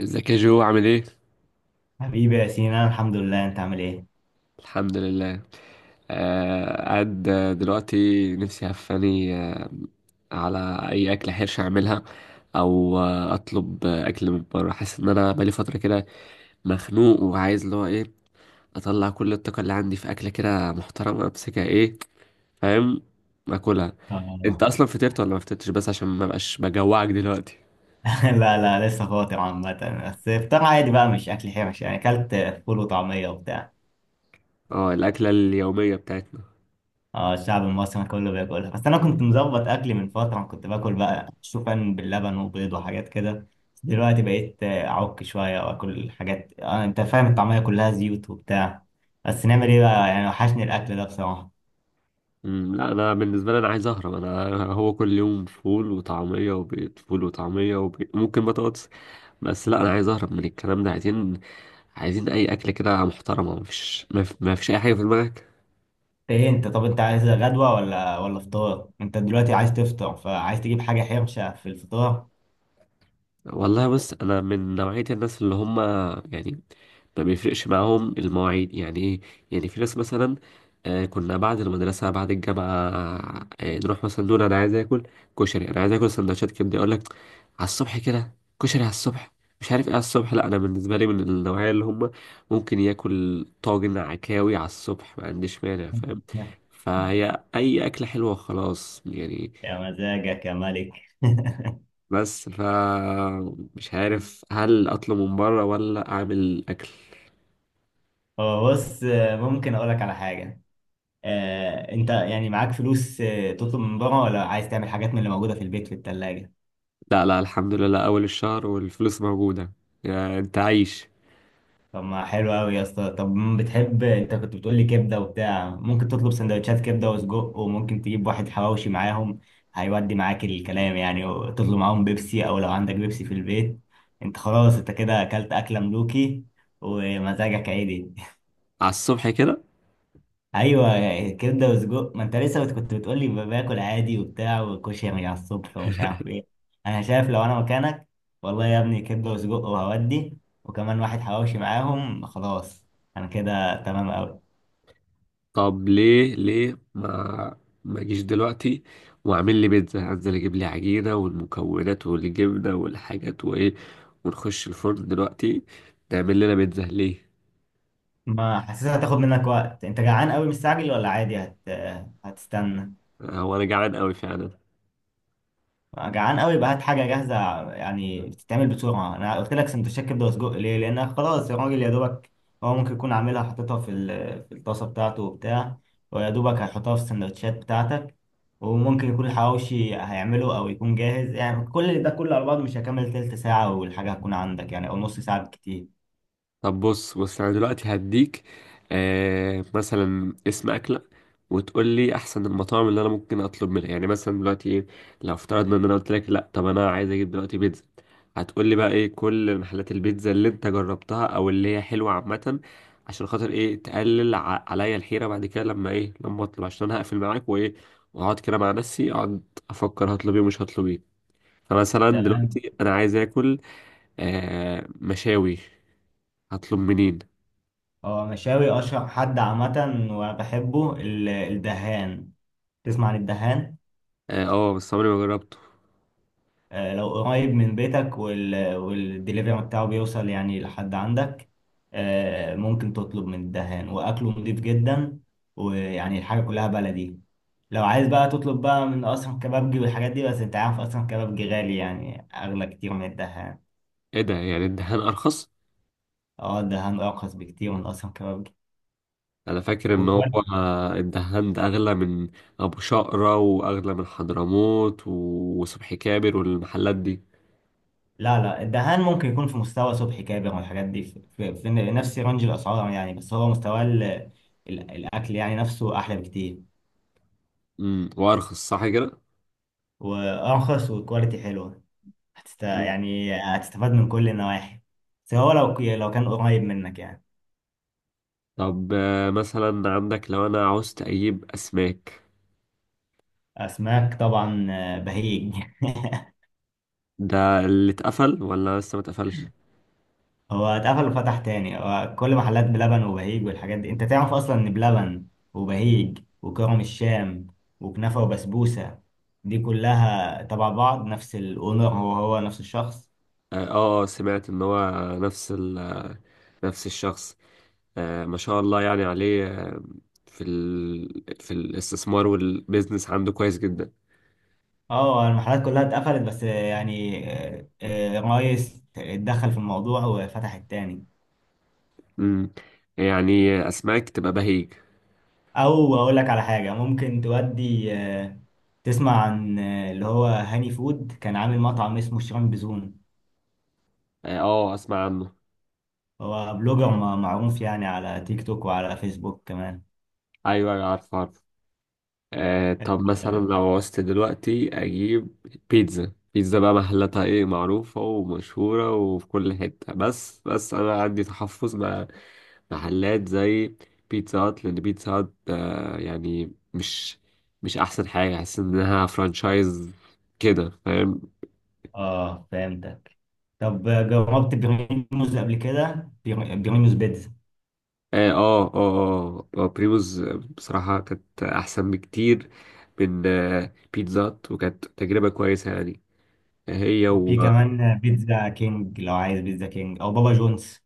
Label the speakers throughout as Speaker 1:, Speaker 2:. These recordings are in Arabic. Speaker 1: ازيك يا جو، عامل ايه؟
Speaker 2: حبيبي يا سينا، أنا الحمد لله. انت عامل ايه؟
Speaker 1: الحمد لله. قاعد دلوقتي، نفسي هفاني على اي اكل حرش اعملها، او اطلب اكل من بره. حاسس ان انا بقالي فتره كده مخنوق، وعايز اللي هو ايه، اطلع كل الطاقه اللي عندي في اكله كده محترمه، امسكها، ايه، فاهم، اكلها. انت
Speaker 2: اه.
Speaker 1: اصلا فطرت ولا ما فطرتش؟ بس عشان ما بقاش بجوعك دلوقتي.
Speaker 2: لا لا، لسه فاطر عامة. بس فطار عادي بقى، مش اكل حرش، يعني اكلت فول وطعمية وبتاع.
Speaker 1: اه، الاكله اليوميه بتاعتنا.
Speaker 2: اه، الشعب المصري كله بياكلها. بس انا كنت مظبط اكلي من فترة، كنت باكل بقى شوفان باللبن وبيض وحاجات كده. بس دلوقتي بقيت اعك شوية واكل حاجات، انت فاهم، الطعمية كلها زيوت وبتاع. بس نعمل ايه بقى يعني، وحشني الاكل ده بصراحة.
Speaker 1: لا، انا بالنسبه لي انا عايز اهرب. انا هو كل يوم فول وطعميه وبيض، فول وطعميه وبيض، ممكن بطاطس. بس لا، انا عايز اهرب من الكلام ده. عايزين اي اكل كده محترمه. مفيش اي حاجه في دماغك؟
Speaker 2: ايه، انت طب انت عايز غدوة ولا فطار؟ انت دلوقتي عايز تفطر، فعايز تجيب حاجة حرشة في الفطار؟
Speaker 1: والله بص، انا من نوعيه الناس اللي هم، يعني، ما بيفرقش معاهم المواعيد. يعني ايه؟ يعني في ناس مثلا كنا بعد المدرسة، بعد الجامعة نروح مثلا نقول أنا عايز آكل كشري، أنا عايز آكل سندوتشات كبدة. يقول لك على الصبح كده؟ كشري على الصبح، مش عارف ايه على الصبح. لا، أنا بالنسبة لي من النوعية اللي هم ممكن ياكل طاجن عكاوي على الصبح، ما عنديش مانع، فاهم. فهي أي أكلة حلوة خلاص يعني.
Speaker 2: يا مزاجك يا ملك.
Speaker 1: بس مش عارف هل أطلب من بره ولا أعمل أكل.
Speaker 2: هو بص، ممكن اقول لك على حاجه. انت يعني معاك فلوس تطلب من بره، ولا عايز تعمل حاجات من اللي موجوده في البيت في الثلاجه؟
Speaker 1: لا لا، الحمد لله، أول الشهر والفلوس موجودة، يعني أنت عايش.
Speaker 2: طب ما حلو قوي يا اسطى. طب بتحب، انت كنت بتقول لي كبده وبتاع، ممكن تطلب سندوتشات كبده وسجق، وممكن تجيب واحد حواوشي معاهم، هيودي معاك الكلام يعني، وتطلب معاهم بيبسي، او لو عندك بيبسي في البيت. انت خلاص، انت كده اكلت اكله ملوكي ومزاجك عادي.
Speaker 1: على الصبح كده.
Speaker 2: ايوه، يعني كبده وسجق. ما انت لسه كنت بتقول لي باكل عادي وبتاع، وكشري على الصبح ومش عارف ايه. انا شايف لو انا مكانك، والله يا ابني، كبده وسجق وهودي، وكمان واحد حواوشي معاهم، خلاص. انا كده تمام قوي.
Speaker 1: طب ليه ما أجيش دلوقتي وأعمل لي بيتزا؟ أنزل أجيب لي عجينة والمكونات والجبنة والحاجات وإيه، ونخش الفرن دلوقتي نعمل لنا بيتزا، ليه؟
Speaker 2: ما حاسسها هتاخد منك وقت. انت جعان قوي مستعجل، ولا عادي هتستنى؟
Speaker 1: هو أنا جعان أوي فعلا.
Speaker 2: جعان قوي، يبقى هات حاجه جاهزه، يعني بتتعمل بسرعه. انا قلت لك سندوتشات كبده وسجق ليه؟ لان خلاص يا راجل، يا دوبك هو ممكن يكون عاملها حاططها في الطاسه بتاعته وبتاع، ويا دوبك هيحطها في السندوتشات بتاعتك. وممكن يكون الحواوشي هيعمله، او يكون جاهز. يعني كل ده كله على بعضه مش هيكمل تلت ساعه والحاجه هتكون عندك، يعني او نص ساعه بالكتير.
Speaker 1: طب، بص بص، انا دلوقتي هديك مثلا اسم اكله، وتقول لي احسن المطاعم اللي انا ممكن اطلب منها. يعني مثلا دلوقتي ايه؟ لو افترضنا ان انا قلت لك لا، طب انا عايز اجيب دلوقتي بيتزا، هتقول لي بقى ايه كل محلات البيتزا اللي انت جربتها او اللي هي حلوه عامه، عشان خاطر ايه؟ تقلل عليا الحيره بعد كده، لما ايه، لما اطلب، عشان انا هقفل معاك وايه، واقعد كده مع نفسي، اقعد افكر هطلب ايه ومش هطلب ايه. فمثلا
Speaker 2: تمام.
Speaker 1: دلوقتي انا عايز اكل مشاوي، هطلب منين؟
Speaker 2: هو مشاوي، اشهر حد عامه وبحبه الدهان. تسمع عن الدهان؟
Speaker 1: اه، بس عمري ما جربته.
Speaker 2: لو قريب من بيتك والدليفري بتاعه بيوصل يعني لحد عندك، ممكن تطلب من الدهان. وأكله نضيف جدا، ويعني الحاجة كلها بلدي. لو عايز بقى تطلب بقى من أسرم كبابجي والحاجات دي، بس أنت عارف أسرم كبابجي غالي، يعني أغلى كتير من الدهان.
Speaker 1: ايه ده، يعني الدهان ارخص؟
Speaker 2: اه، الدهان أرخص بكتير من أسرم كبابجي.
Speaker 1: انا فاكر ان هو
Speaker 2: وكمان،
Speaker 1: الدهان ده اغلى من ابو شقرة، واغلى من حضرموت وصبحي كابر والمحلات دي.
Speaker 2: لا لا، الدهان ممكن يكون في مستوى صبحي كابر والحاجات دي، في نفس رينج الأسعار، يعني. بس هو مستوى الأكل يعني نفسه أحلى بكتير،
Speaker 1: وارخص، صح كده.
Speaker 2: وارخص، وكواليتي حلوه.
Speaker 1: مم.
Speaker 2: يعني هتستفاد من كل النواحي، سواء لو كان قريب منك يعني.
Speaker 1: طب مثلا عندك لو انا عاوزت اجيب اسماك،
Speaker 2: اسماك، طبعا بهيج.
Speaker 1: ده اللي اتقفل ولا لسه ما اتقفلش؟
Speaker 2: هو اتقفل وفتح تاني. هو كل محلات بلبن وبهيج والحاجات دي، انت تعرف اصلا ان بلبن وبهيج وكرم الشام وكنافه وبسبوسه دي كلها تبع بعض، نفس الاونر، هو نفس الشخص.
Speaker 1: اه، سمعت ان هو نفس نفس الشخص. ما شاء الله يعني عليه. في في الاستثمار والبيزنس عنده كويس جدا.
Speaker 2: اه، المحلات كلها اتقفلت، بس يعني الرئيس اتدخل في الموضوع وفتح التاني.
Speaker 1: امم يعني اسماك تبقى بهيج.
Speaker 2: او اقول لك على حاجه ممكن تودي، تسمع عن اللي هو هاني فود؟ كان عامل مطعم اسمه شيران بزون.
Speaker 1: اه، اسمع عنه.
Speaker 2: هو بلوجر معروف يعني، على تيك توك وعلى فيسبوك كمان.
Speaker 1: ايوه أيوة، عارفه عارفه. طب مثلا لو عوزت دلوقتي اجيب بيتزا، بيتزا بقى محلاتها ايه؟ معروفه ومشهوره وفي كل حته. بس انا عندي تحفظ مع محلات زي بيتزا هات، لان بيتزا هات يعني مش احسن حاجه، احس انها فرانشايز كده، فاهم.
Speaker 2: اه، فهمتك. طب جربت بريموز قبل كده؟ بريموز بيتزا.
Speaker 1: اه اه اه، بريموز. بصراحة كانت أحسن بكتير من بيتزا هات، وكانت تجربة كويسة يعني، هي و
Speaker 2: وفي كمان بيتزا كينج، لو عايز بيتزا كينج او بابا جونز.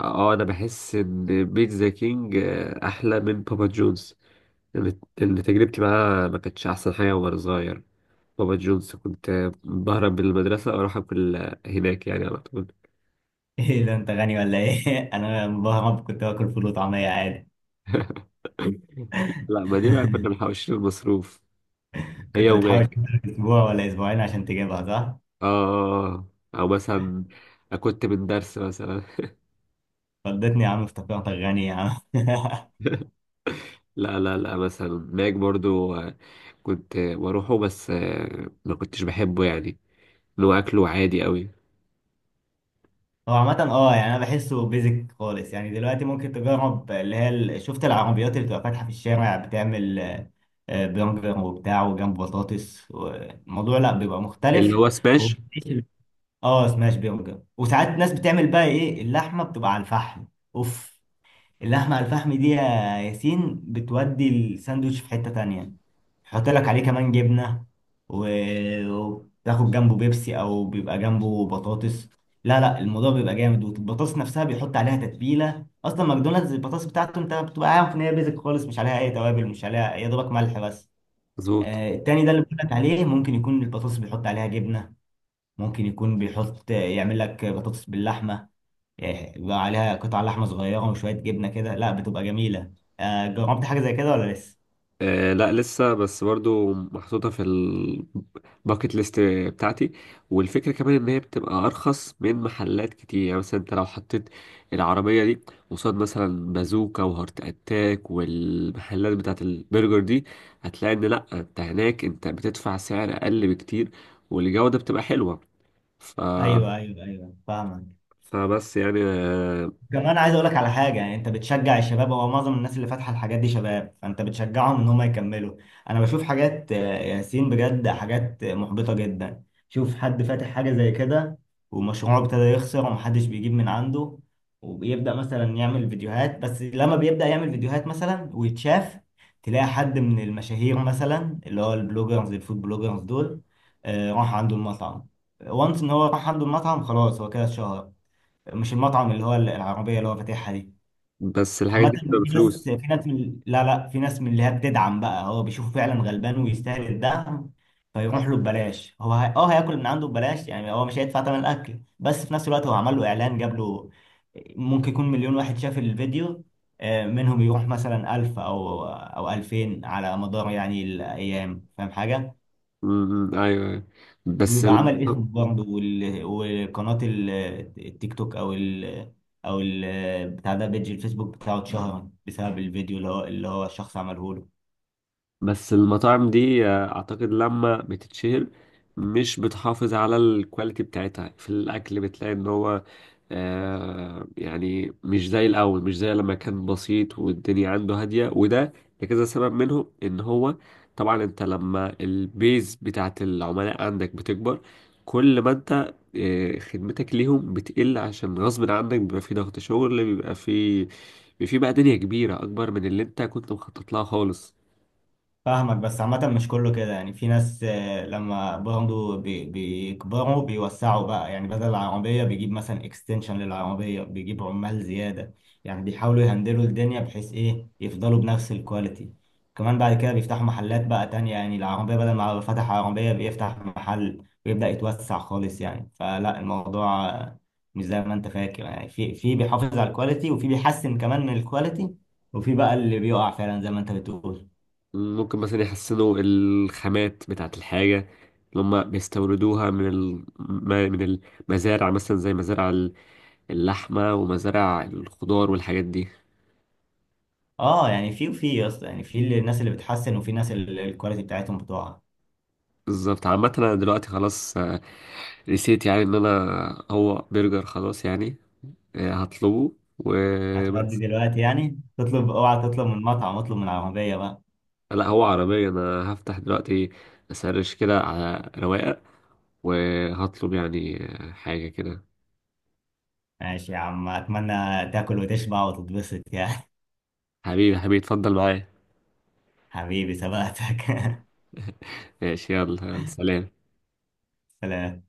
Speaker 1: أنا بحس إن بيتزا كينج أحلى من بابا جونز. لأن تجربتي معاه ما كانتش أحسن حاجة وأنا صغير. بابا جونز كنت بهرب من المدرسة وأروح أكل هناك يعني على طول.
Speaker 2: ايه ده، انت غني ولا ايه؟ انا مبهرب، كنت باكل فول وطعميه عادي.
Speaker 1: لا ما دي بقى كنا محوشين المصروف هي
Speaker 2: كنت بتحاول
Speaker 1: وماك
Speaker 2: تشتغل اسبوع ولا اسبوعين عشان تجيبها، صح؟
Speaker 1: اه. أو مثلا كنت من درس مثلا.
Speaker 2: فضتني يا عم، افتكرتك غني يا عم.
Speaker 1: لا لا لا، مثلا ماك برضو كنت بروحه، بس ما كنتش بحبه يعني، اللي هو اكله عادي قوي،
Speaker 2: هو عامة اه، يعني انا بحسه بيزك خالص يعني. دلوقتي ممكن تجرب، اللي هي شفت العربيات اللي بتبقى فاتحة في الشارع؟ بتعمل برجر وبتاع وجنب بطاطس. الموضوع لا، بيبقى
Speaker 1: اللي
Speaker 2: مختلف.
Speaker 1: هو سماش.
Speaker 2: وبتعيش اه، سماش برجر. وساعات الناس بتعمل بقى ايه، اللحمة بتبقى على الفحم. اوف، اللحمة على الفحم دي يا ياسين بتودي الساندوتش في حتة تانية. يحط لك عليه كمان جبنة، وتاخد جنبه بيبسي، أو بيبقى جنبه بطاطس. لا لا، الموضوع بيبقى جامد. والبطاطس نفسها بيحط عليها تتبيلة. أصلا ماكدونالدز البطاطس بتاعته، أنت بتبقى عارف إن هي بيزك خالص. مش عليها أي توابل، مش عليها يا دوبك ملح بس.
Speaker 1: مظبوط.
Speaker 2: التاني ده اللي بقول لك عليه، ممكن يكون البطاطس بيحط عليها جبنة، ممكن يكون بيحط يعمل لك بطاطس باللحمة، إيه، بيبقى عليها قطع لحمه صغيره وشويه جبنه كده، لا بتبقى جميله. جربت حاجه زي كده ولا لسه؟
Speaker 1: لا لسه، بس برضو محطوطة في الباكت ليست بتاعتي. والفكرة كمان ان هي بتبقى ارخص من محلات كتير، يعني مثلا انت لو حطيت العربية دي قصاد مثلا بازوكا وهارت اتاك والمحلات بتاعت البرجر دي، هتلاقي ان لا، انت هناك انت بتدفع سعر اقل بكتير، والجودة بتبقى حلوة. ف...
Speaker 2: ايوه ايوه ايوه، فاهمك.
Speaker 1: فبس يعني
Speaker 2: كمان عايز اقول لك على حاجه، يعني انت بتشجع الشباب. هو معظم الناس اللي فاتحه الحاجات دي شباب، فانت بتشجعهم ان هم يكملوا. انا بشوف حاجات ياسين، بجد حاجات محبطه جدا. شوف حد فاتح حاجه زي كده، ومشروعه ابتدى يخسر، ومحدش بيجيب من عنده، وبيبدا مثلا يعمل فيديوهات. بس لما بيبدا يعمل فيديوهات مثلا ويتشاف، تلاقي حد من المشاهير مثلا، اللي هو البلوجرز، الفود بلوجرز دول، راح عنده المطعم. وانس ان هو راح عنده المطعم خلاص هو كده اتشهر، مش المطعم اللي هو العربية اللي هو فاتحها دي.
Speaker 1: بس الحاجات
Speaker 2: عامة،
Speaker 1: دي بتبقى
Speaker 2: في ناس
Speaker 1: بفلوس.
Speaker 2: في ناس من، لا لا، في ناس من اللي هي بتدعم بقى، هو بيشوفه فعلا غلبان ويستاهل الدعم، فيروح له ببلاش. هو هي... اه هياكل من عنده ببلاش. يعني هو مش هيدفع ثمن الاكل، بس في نفس الوقت هو عمل له اعلان، جاب له ممكن يكون مليون واحد شاف الفيديو، منهم يروح مثلا 1000 او 2000 على مدار يعني الايام، فاهم حاجة؟
Speaker 1: م- م، ايوه أيوة. بس
Speaker 2: ويبقى
Speaker 1: ال...
Speaker 2: عمل اسم برضه، وقناة التيك توك، او او ال بتاع ده، بيج الفيسبوك بتاعه اتشهر بسبب الفيديو اللي هو، الشخص عمله له.
Speaker 1: بس المطاعم دي اعتقد لما بتتشهر مش بتحافظ على الكواليتي بتاعتها في الاكل. بتلاقي ان هو يعني مش زي الأول، مش زي لما كان بسيط والدنيا عنده هادية، وده لكذا سبب منهم، إن هو طبعا أنت لما البيز بتاعت العملاء عندك بتكبر، كل ما أنت خدمتك ليهم بتقل، عشان غصب عنك بيبقى في ضغط شغل، بيبقى في بقى دنيا كبيرة أكبر من اللي أنت كنت مخطط لها خالص.
Speaker 2: فاهمك. بس عامة مش كله كده يعني، في ناس لما برضه بيكبروا بيوسعوا بقى، يعني بدل العربية بيجيب مثلا اكستنشن للعربية، بيجيب عمال زيادة، يعني بيحاولوا يهندلوا الدنيا بحيث ايه، يفضلوا بنفس الكواليتي. كمان بعد كده بيفتحوا محلات بقى تانية، يعني العربية بدل ما فتح عربية بيفتح محل ويبدأ يتوسع خالص. يعني فلا، الموضوع مش زي ما انت فاكر يعني. في بيحافظ على الكواليتي، وفي بيحسن كمان من الكواليتي، وفي بقى اللي بيقع فعلا زي ما انت بتقول.
Speaker 1: ممكن مثلا يحسنوا الخامات بتاعت الحاجة اللي هم بيستوردوها من من المزارع مثلا، زي مزارع اللحمة ومزارع الخضار والحاجات دي.
Speaker 2: اه، يعني في وفي يا اسطى. يعني في الناس اللي بتحسن، وفي ناس الكواليتي بتاعتهم بتقع.
Speaker 1: بالظبط. عامة أنا دلوقتي خلاص نسيت يعني إن أنا هو برجر خلاص يعني، هطلبه
Speaker 2: هتغدي
Speaker 1: وبس.
Speaker 2: دلوقتي يعني، تطلب، اوعى تطلب من مطعم، اطلب من عربية بقى.
Speaker 1: لا هو عربية، أنا هفتح دلوقتي أسرش كده على رواقة وهطلب يعني حاجة كده.
Speaker 2: ماشي يا عم، اتمنى تاكل وتشبع وتتبسط يعني.
Speaker 1: حبيبي حبيبي، اتفضل معايا.
Speaker 2: حبيبي سبقتك.
Speaker 1: ماشي، يلا يلا، سلام.
Speaker 2: سلام.